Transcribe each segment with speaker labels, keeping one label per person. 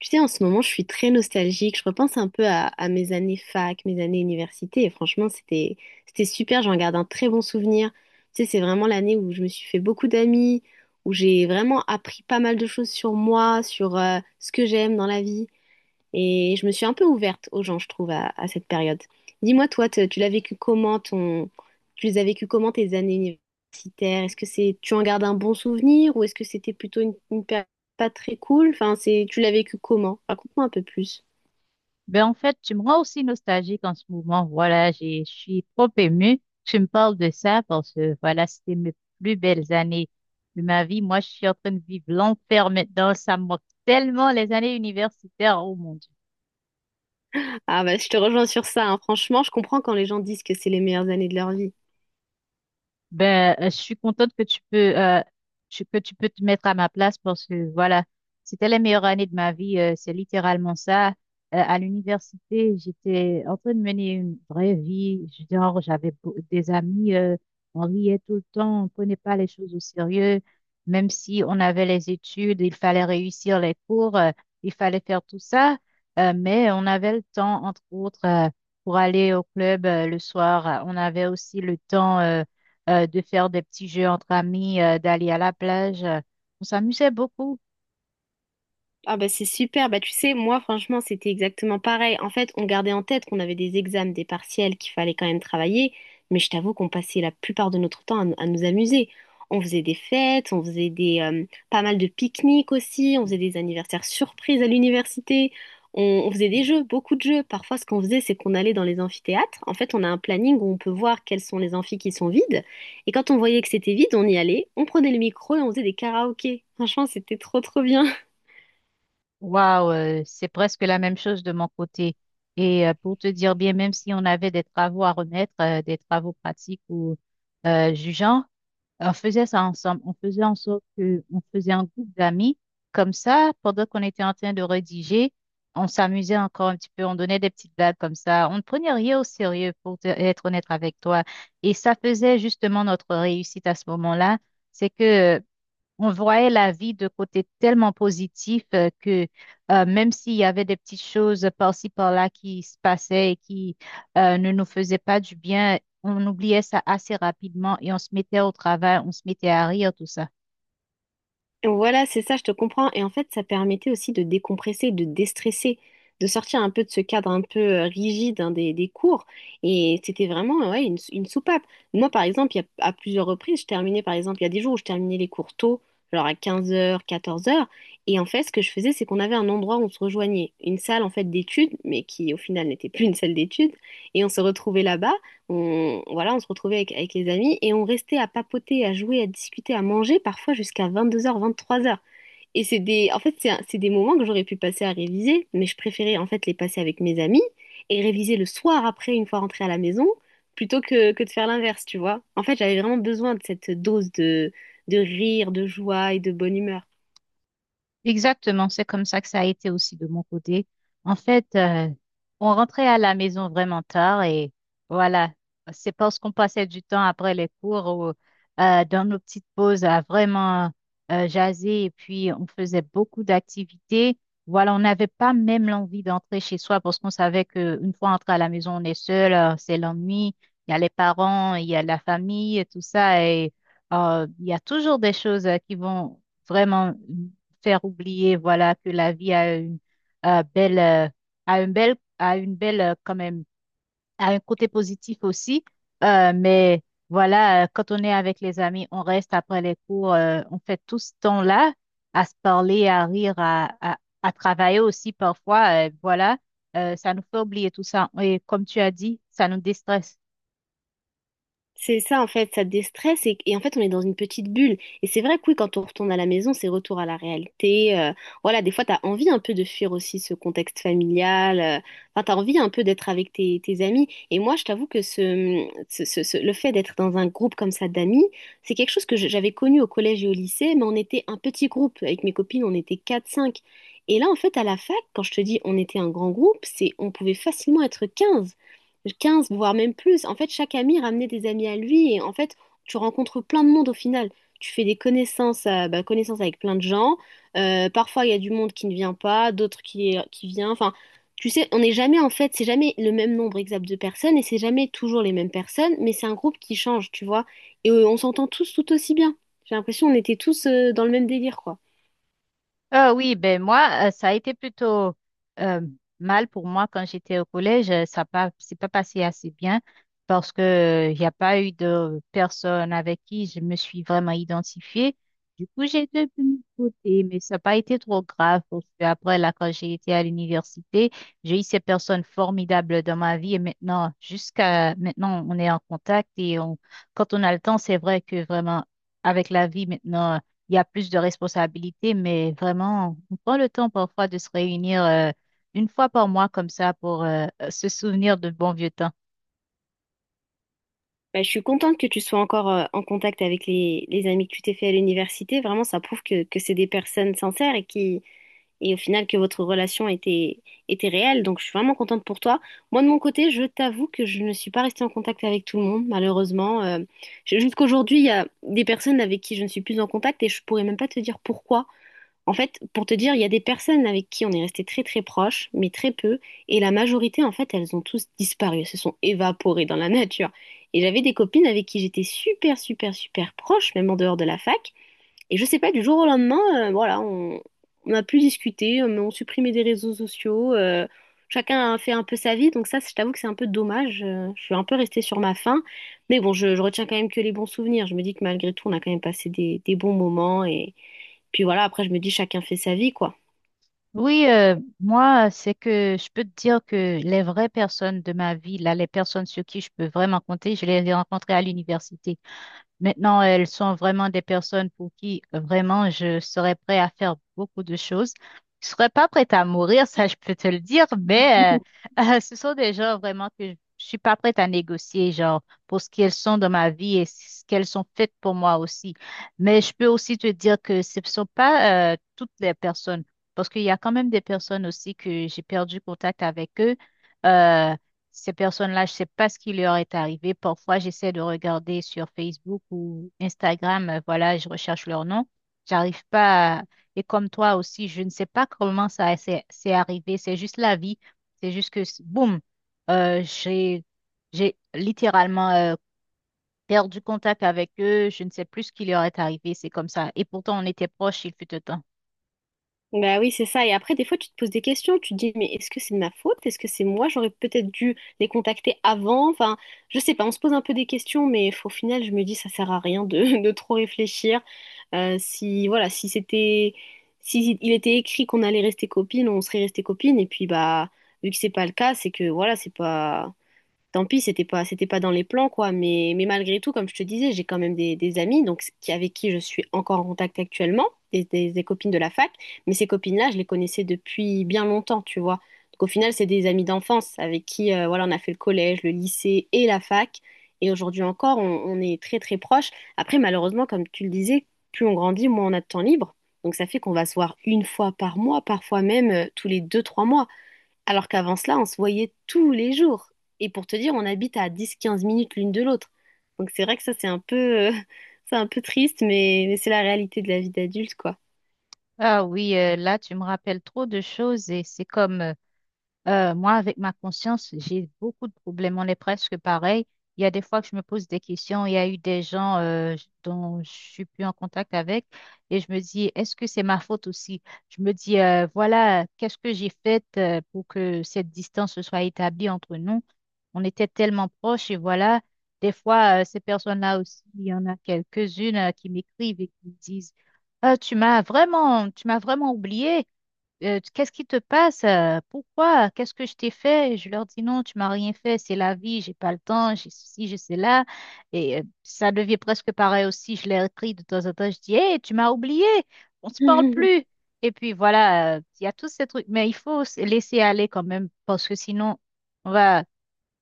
Speaker 1: Tu sais, en ce moment, je suis très nostalgique. Je repense un peu à mes années fac, mes années université. Et franchement, c'était super. J'en garde un très bon souvenir. Tu sais, c'est vraiment l'année où je me suis fait beaucoup d'amis, où j'ai vraiment appris pas mal de choses sur moi, sur ce que j'aime dans la vie. Et je me suis un peu ouverte aux gens, je trouve, à cette période. Dis-moi, toi, tu l'as vécu comment ton... tu les as vécu comment tes années universitaires? Est-ce que c'est tu en gardes un bon souvenir ou est-ce que c'était plutôt une période pas très cool? Enfin, c'est tu l'as vécu comment? Raconte-moi un peu plus.
Speaker 2: Ben, en fait, tu me rends aussi nostalgique en ce moment. Voilà, je suis trop émue. Tu me parles de ça parce que, voilà, c'était mes plus belles années de ma vie. Moi, je suis en train de vivre l'enfer maintenant. Ça me manque tellement les années universitaires. Oh mon Dieu.
Speaker 1: Ah bah je te rejoins sur ça, hein. Franchement, je comprends quand les gens disent que c'est les meilleures années de leur vie.
Speaker 2: Ben, je suis contente que tu peux, que tu peux te mettre à ma place parce que voilà, c'était les meilleures années de ma vie. C'est littéralement ça. À l'université, j'étais en train de mener une vraie vie. Genre, des amis, on riait tout le temps, on prenait pas les choses au sérieux. Même si on avait les études, il fallait réussir les cours, il fallait faire tout ça. Mais on avait le temps, entre autres, pour aller au club, le soir. On avait aussi le temps. De faire des petits jeux entre amis, d'aller à la plage. On s'amusait beaucoup.
Speaker 1: Ah bah c'est super, bah tu sais, moi franchement c'était exactement pareil. En fait, on gardait en tête qu'on avait des examens, des partiels, qu'il fallait quand même travailler, mais je t'avoue qu'on passait la plupart de notre temps à nous amuser. On faisait des fêtes, on faisait des pas mal de pique-niques aussi, on faisait des anniversaires surprises à l'université, on faisait des jeux, beaucoup de jeux. Parfois ce qu'on faisait c'est qu'on allait dans les amphithéâtres. En fait, on a un planning où on peut voir quels sont les amphis qui sont vides. Et quand on voyait que c'était vide, on y allait, on prenait le micro et on faisait des karaokés. Franchement, c'était trop trop bien.
Speaker 2: Waouh, c'est presque la même chose de mon côté. Et pour te dire bien, même si on avait des travaux à remettre, des travaux pratiques ou jugeants, on faisait ça ensemble. On faisait en sorte que, on faisait un groupe d'amis. Comme ça, pendant qu'on était en train de rédiger, on s'amusait encore un petit peu. On donnait des petites blagues comme ça. On ne prenait rien au sérieux pour être honnête avec toi. Et ça faisait justement notre réussite à ce moment-là. C'est que on voyait la vie de côté tellement positif que même s'il y avait des petites choses par-ci par-là qui se passaient et qui ne nous faisaient pas du bien, on oubliait ça assez rapidement et on se mettait au travail, on se mettait à rire, tout ça.
Speaker 1: Voilà, c'est ça, je te comprends. Et en fait, ça permettait aussi de décompresser, de déstresser, de sortir un peu de ce cadre un peu rigide hein, des cours. Et c'était vraiment ouais, une, une soupape. Moi, par exemple, il y a, à plusieurs reprises, je terminais, par exemple, il y a des jours où je terminais les cours tôt, genre à 15 heures 14 heures. Et en fait, ce que je faisais, c'est qu'on avait un endroit où on se rejoignait, une salle en fait d'études, mais qui au final n'était plus une salle d'études. Et on se retrouvait là-bas. On se retrouvait avec les amis et on restait à papoter, à jouer, à discuter, à manger, parfois jusqu'à 22 heures 23 heures. Et c'est des, en fait, c'est des moments que j'aurais pu passer à réviser, mais je préférais en fait les passer avec mes amis et réviser le soir après, une fois rentrée à la maison, plutôt que de faire l'inverse, tu vois. En fait, j'avais vraiment besoin de cette dose de rire, de joie et de bonne humeur.
Speaker 2: Exactement, c'est comme ça que ça a été aussi de mon côté. En fait, on rentrait à la maison vraiment tard et voilà, c'est parce qu'on passait du temps après les cours ou dans nos petites pauses à vraiment jaser et puis on faisait beaucoup d'activités. Voilà, on n'avait pas même l'envie d'entrer chez soi parce qu'on savait qu'une fois entré à la maison, on est seul, c'est l'ennui, il y a les parents, il y a la famille, tout ça et il y a toujours des choses qui vont vraiment faire oublier, voilà, que la vie a une belle, a une belle, a une belle, quand même, a un côté positif aussi. Mais voilà, quand on est avec les amis, on reste après les cours, on fait tout ce temps-là à se parler, à rire, à travailler aussi parfois. Voilà, ça nous fait oublier tout ça. Et comme tu as dit, ça nous déstresse.
Speaker 1: C'est ça, en fait, ça déstresse et en fait, on est dans une petite bulle. Et c'est vrai que oui, quand on retourne à la maison, c'est retour à la réalité. Voilà, des fois, t'as envie un peu de fuir aussi ce contexte familial. Enfin, t'as envie un peu d'être avec tes amis. Et moi, je t'avoue que le fait d'être dans un groupe comme ça d'amis, c'est quelque chose que j'avais connu au collège et au lycée, mais on était un petit groupe. Avec mes copines, on était quatre cinq. Et là, en fait, à la fac, quand je te dis on était un grand groupe, c'est on pouvait facilement être 15, 15 voire même plus. En fait, chaque ami ramenait des amis à lui et en fait, tu rencontres plein de monde au final. Tu fais des connaissances, bah, connaissances avec plein de gens. Parfois, il y a du monde qui ne vient pas, d'autres qui vient. Enfin, tu sais, on n'est jamais en fait, c'est jamais le même nombre exact de personnes et c'est jamais toujours les mêmes personnes, mais c'est un groupe qui change, tu vois. Et on s'entend tous tout aussi bien. J'ai l'impression on était tous dans le même délire, quoi.
Speaker 2: Ah oui, ben moi, ça a été plutôt euh, mal pour moi quand j'étais au collège. Ça pas, c'est pas passé assez bien parce que il n'y a pas eu de personne avec qui je me suis vraiment identifiée. Du coup, j'ai été de mon côté, mais ça n'a pas été trop grave parce que après, là, quand j'ai été à l'université, j'ai eu ces personnes formidables dans ma vie et maintenant, jusqu'à maintenant, on est en contact et on, quand on a le temps, c'est vrai que vraiment, avec la vie maintenant, il y a plus de responsabilités, mais vraiment, on prend le temps parfois de se réunir une fois par mois comme ça pour se souvenir de bons vieux temps.
Speaker 1: Bah, je suis contente que tu sois encore en contact avec les amis que tu t'es fait à l'université. Vraiment, ça prouve que c'est des personnes sincères et qui, et au final que votre relation était réelle. Donc, je suis vraiment contente pour toi. Moi, de mon côté, je t'avoue que je ne suis pas restée en contact avec tout le monde, malheureusement. Jusqu'aujourd'hui, il y a des personnes avec qui je ne suis plus en contact et je pourrais même pas te dire pourquoi. En fait, pour te dire, il y a des personnes avec qui on est resté très très proches, mais très peu, et la majorité, en fait, elles ont tous disparu, elles se sont évaporées dans la nature. Et j'avais des copines avec qui j'étais super super super proche, même en dehors de la fac, et je sais pas, du jour au lendemain, voilà, on n'a plus discuté, mais on supprimait des réseaux sociaux, chacun a fait un peu sa vie, donc ça, je t'avoue que c'est un peu dommage, je suis un peu restée sur ma faim, mais bon, je retiens quand même que les bons souvenirs, je me dis que malgré tout, on a quand même passé des bons moments, et puis voilà, après, je me dis, chacun fait sa vie, quoi.
Speaker 2: Oui, moi, c'est que je peux te dire que les vraies personnes de ma vie, là, les personnes sur qui je peux vraiment compter, je les ai rencontrées à l'université. Maintenant, elles sont vraiment des personnes pour qui vraiment je serais prêt à faire beaucoup de choses. Je serais pas prête à mourir, ça je peux te le dire, mais ce sont des gens vraiment que je suis pas prête à négocier, genre pour ce qu'elles sont dans ma vie et ce qu'elles sont faites pour moi aussi. Mais je peux aussi te dire que ce ne sont pas toutes les personnes, parce qu'il y a quand même des personnes aussi que j'ai perdu contact avec eux. Euh, Ces personnes-là, je ne sais pas ce qui leur est arrivé. Parfois, j'essaie de regarder sur Facebook ou Instagram, voilà, je recherche leur nom. J'arrive pas à- Et comme toi aussi, je ne sais pas comment ça s'est c'est arrivé. C'est juste la vie. C'est juste que, boum, euh, j'ai, j'ai littéralement perdu contact avec eux. Je ne sais plus ce qui leur est arrivé. C'est comme ça. Et pourtant, on était proches, il fut un temps.
Speaker 1: Bah oui, c'est ça. Et après, des fois, tu te poses des questions. Tu te dis, mais est-ce que c'est de ma faute? Est-ce que c'est moi? J'aurais peut-être dû les contacter avant. Enfin, je sais pas. On se pose un peu des questions, mais au final, je me dis, ça sert à rien de, de trop réfléchir. Si, voilà, si il était écrit qu'on allait rester copines, on serait resté copines. Et puis, bah, vu que c'est pas le cas, c'est que, voilà, c'est pas, tant pis, c'était pas dans les plans, quoi. Mais malgré tout, comme je te disais, j'ai quand même des amis, donc qui, avec qui je suis encore en contact actuellement, des copines de la fac. Mais ces copines-là, je les connaissais depuis bien longtemps, tu vois. Donc au final, c'est des amis d'enfance avec qui, voilà, on a fait le collège, le lycée et la fac. Et aujourd'hui encore, on est très très proches. Après, malheureusement, comme tu le disais, plus on grandit, moins on a de temps libre. Donc ça fait qu'on va se voir une fois par mois, parfois même tous les deux, trois mois. Alors qu'avant cela, on se voyait tous les jours. Et pour te dire, on habite à 10, 15 minutes l'une de l'autre. Donc c'est vrai que ça, c'est un peu, euh, c'est un peu triste, mais c'est la réalité de la vie d'adulte, quoi.
Speaker 2: Ah oui, là, tu me rappelles trop de choses et c'est comme... moi, avec ma conscience, j'ai beaucoup de problèmes. On est presque pareil. Il y a des fois que je me pose des questions. Il y a eu des gens dont je suis plus en contact avec et je me dis, est-ce que c'est ma faute aussi? Je me dis, voilà, qu'est-ce que j'ai fait pour que cette distance se soit établie entre nous? On était tellement proches et voilà, des fois, ces personnes-là aussi, il y en a quelques-unes qui m'écrivent et qui me disent, ah, tu m'as vraiment oublié. Qu'est-ce qui te passe? Pourquoi? Qu'est-ce que je t'ai fait? Je leur dis non, tu m'as rien fait, c'est la vie, j'ai pas le temps, j'ai ceci, j'ai cela. Et ça devient presque pareil aussi, je les écris de temps en temps, je dis, hé, tu m'as oublié, on se parle plus. Et puis voilà, il y a tous ces trucs, mais il faut se laisser aller quand même, parce que sinon, on va,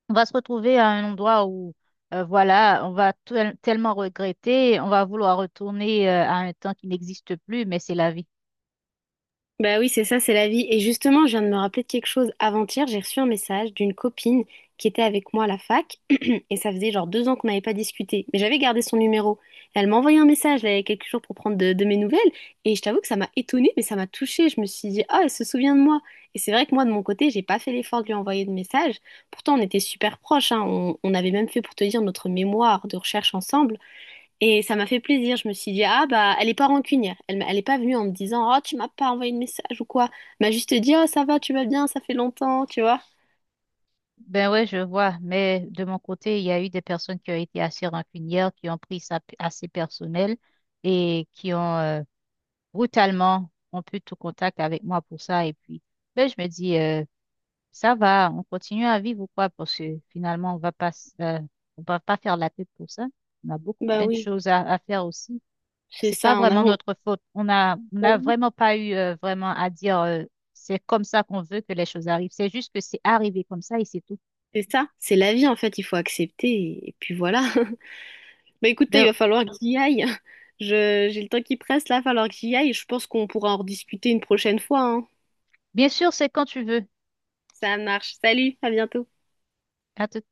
Speaker 2: on va se retrouver à un endroit où, voilà, on va tellement regretter, on va vouloir retourner à un temps qui n'existe plus, mais c'est la vie.
Speaker 1: Bah oui, c'est ça, c'est la vie. Et justement, je viens de me rappeler de quelque chose. Avant-hier, j'ai reçu un message d'une copine qui était avec moi à la fac. Et ça faisait genre 2 ans qu'on n'avait pas discuté. Mais j'avais gardé son numéro. Et elle m'a envoyé un message, là, il y a quelques jours pour prendre de mes nouvelles. Et je t'avoue que ça m'a étonnée, mais ça m'a touchée. Je me suis dit, ah, elle se souvient de moi. Et c'est vrai que moi, de mon côté, j'ai pas fait l'effort de lui envoyer de message. Pourtant, on était super proches, hein. On avait même fait, pour te dire, notre mémoire de recherche ensemble. Et ça m'a fait plaisir. Je me suis dit, ah bah, elle est pas rancunière. Elle est pas venue en me disant, oh, tu m'as pas envoyé de message ou quoi. Elle m'a juste dit, oh, ça va, tu vas bien, ça fait longtemps, tu vois.
Speaker 2: Ben ouais, je vois, mais de mon côté, il y a eu des personnes qui ont été assez rancunières, qui ont pris ça assez personnel et qui ont brutalement rompu tout contact avec moi pour ça. Et puis, ben, je me dis, ça va, on continue à vivre ou quoi? Parce que finalement, on va pas faire la tête pour ça. On a beaucoup
Speaker 1: Bah
Speaker 2: plein de
Speaker 1: oui,
Speaker 2: choses à faire aussi.
Speaker 1: c'est
Speaker 2: C'est pas
Speaker 1: ça, on
Speaker 2: vraiment
Speaker 1: a...
Speaker 2: notre faute. On n'a vraiment pas eu vraiment à dire, c'est comme ça qu'on veut que les choses arrivent. C'est juste que c'est arrivé comme ça et c'est tout.
Speaker 1: C'est ça, c'est la vie en fait, il faut accepter et puis voilà. Bah écoutez, il
Speaker 2: Ben,
Speaker 1: va falloir que j'y aille. J'ai le temps qui presse là, il va falloir que j'y aille. Je pense qu'on pourra en rediscuter une prochaine fois, hein.
Speaker 2: bien sûr, c'est quand tu veux.
Speaker 1: Ça marche. Salut, à bientôt.
Speaker 2: À tout.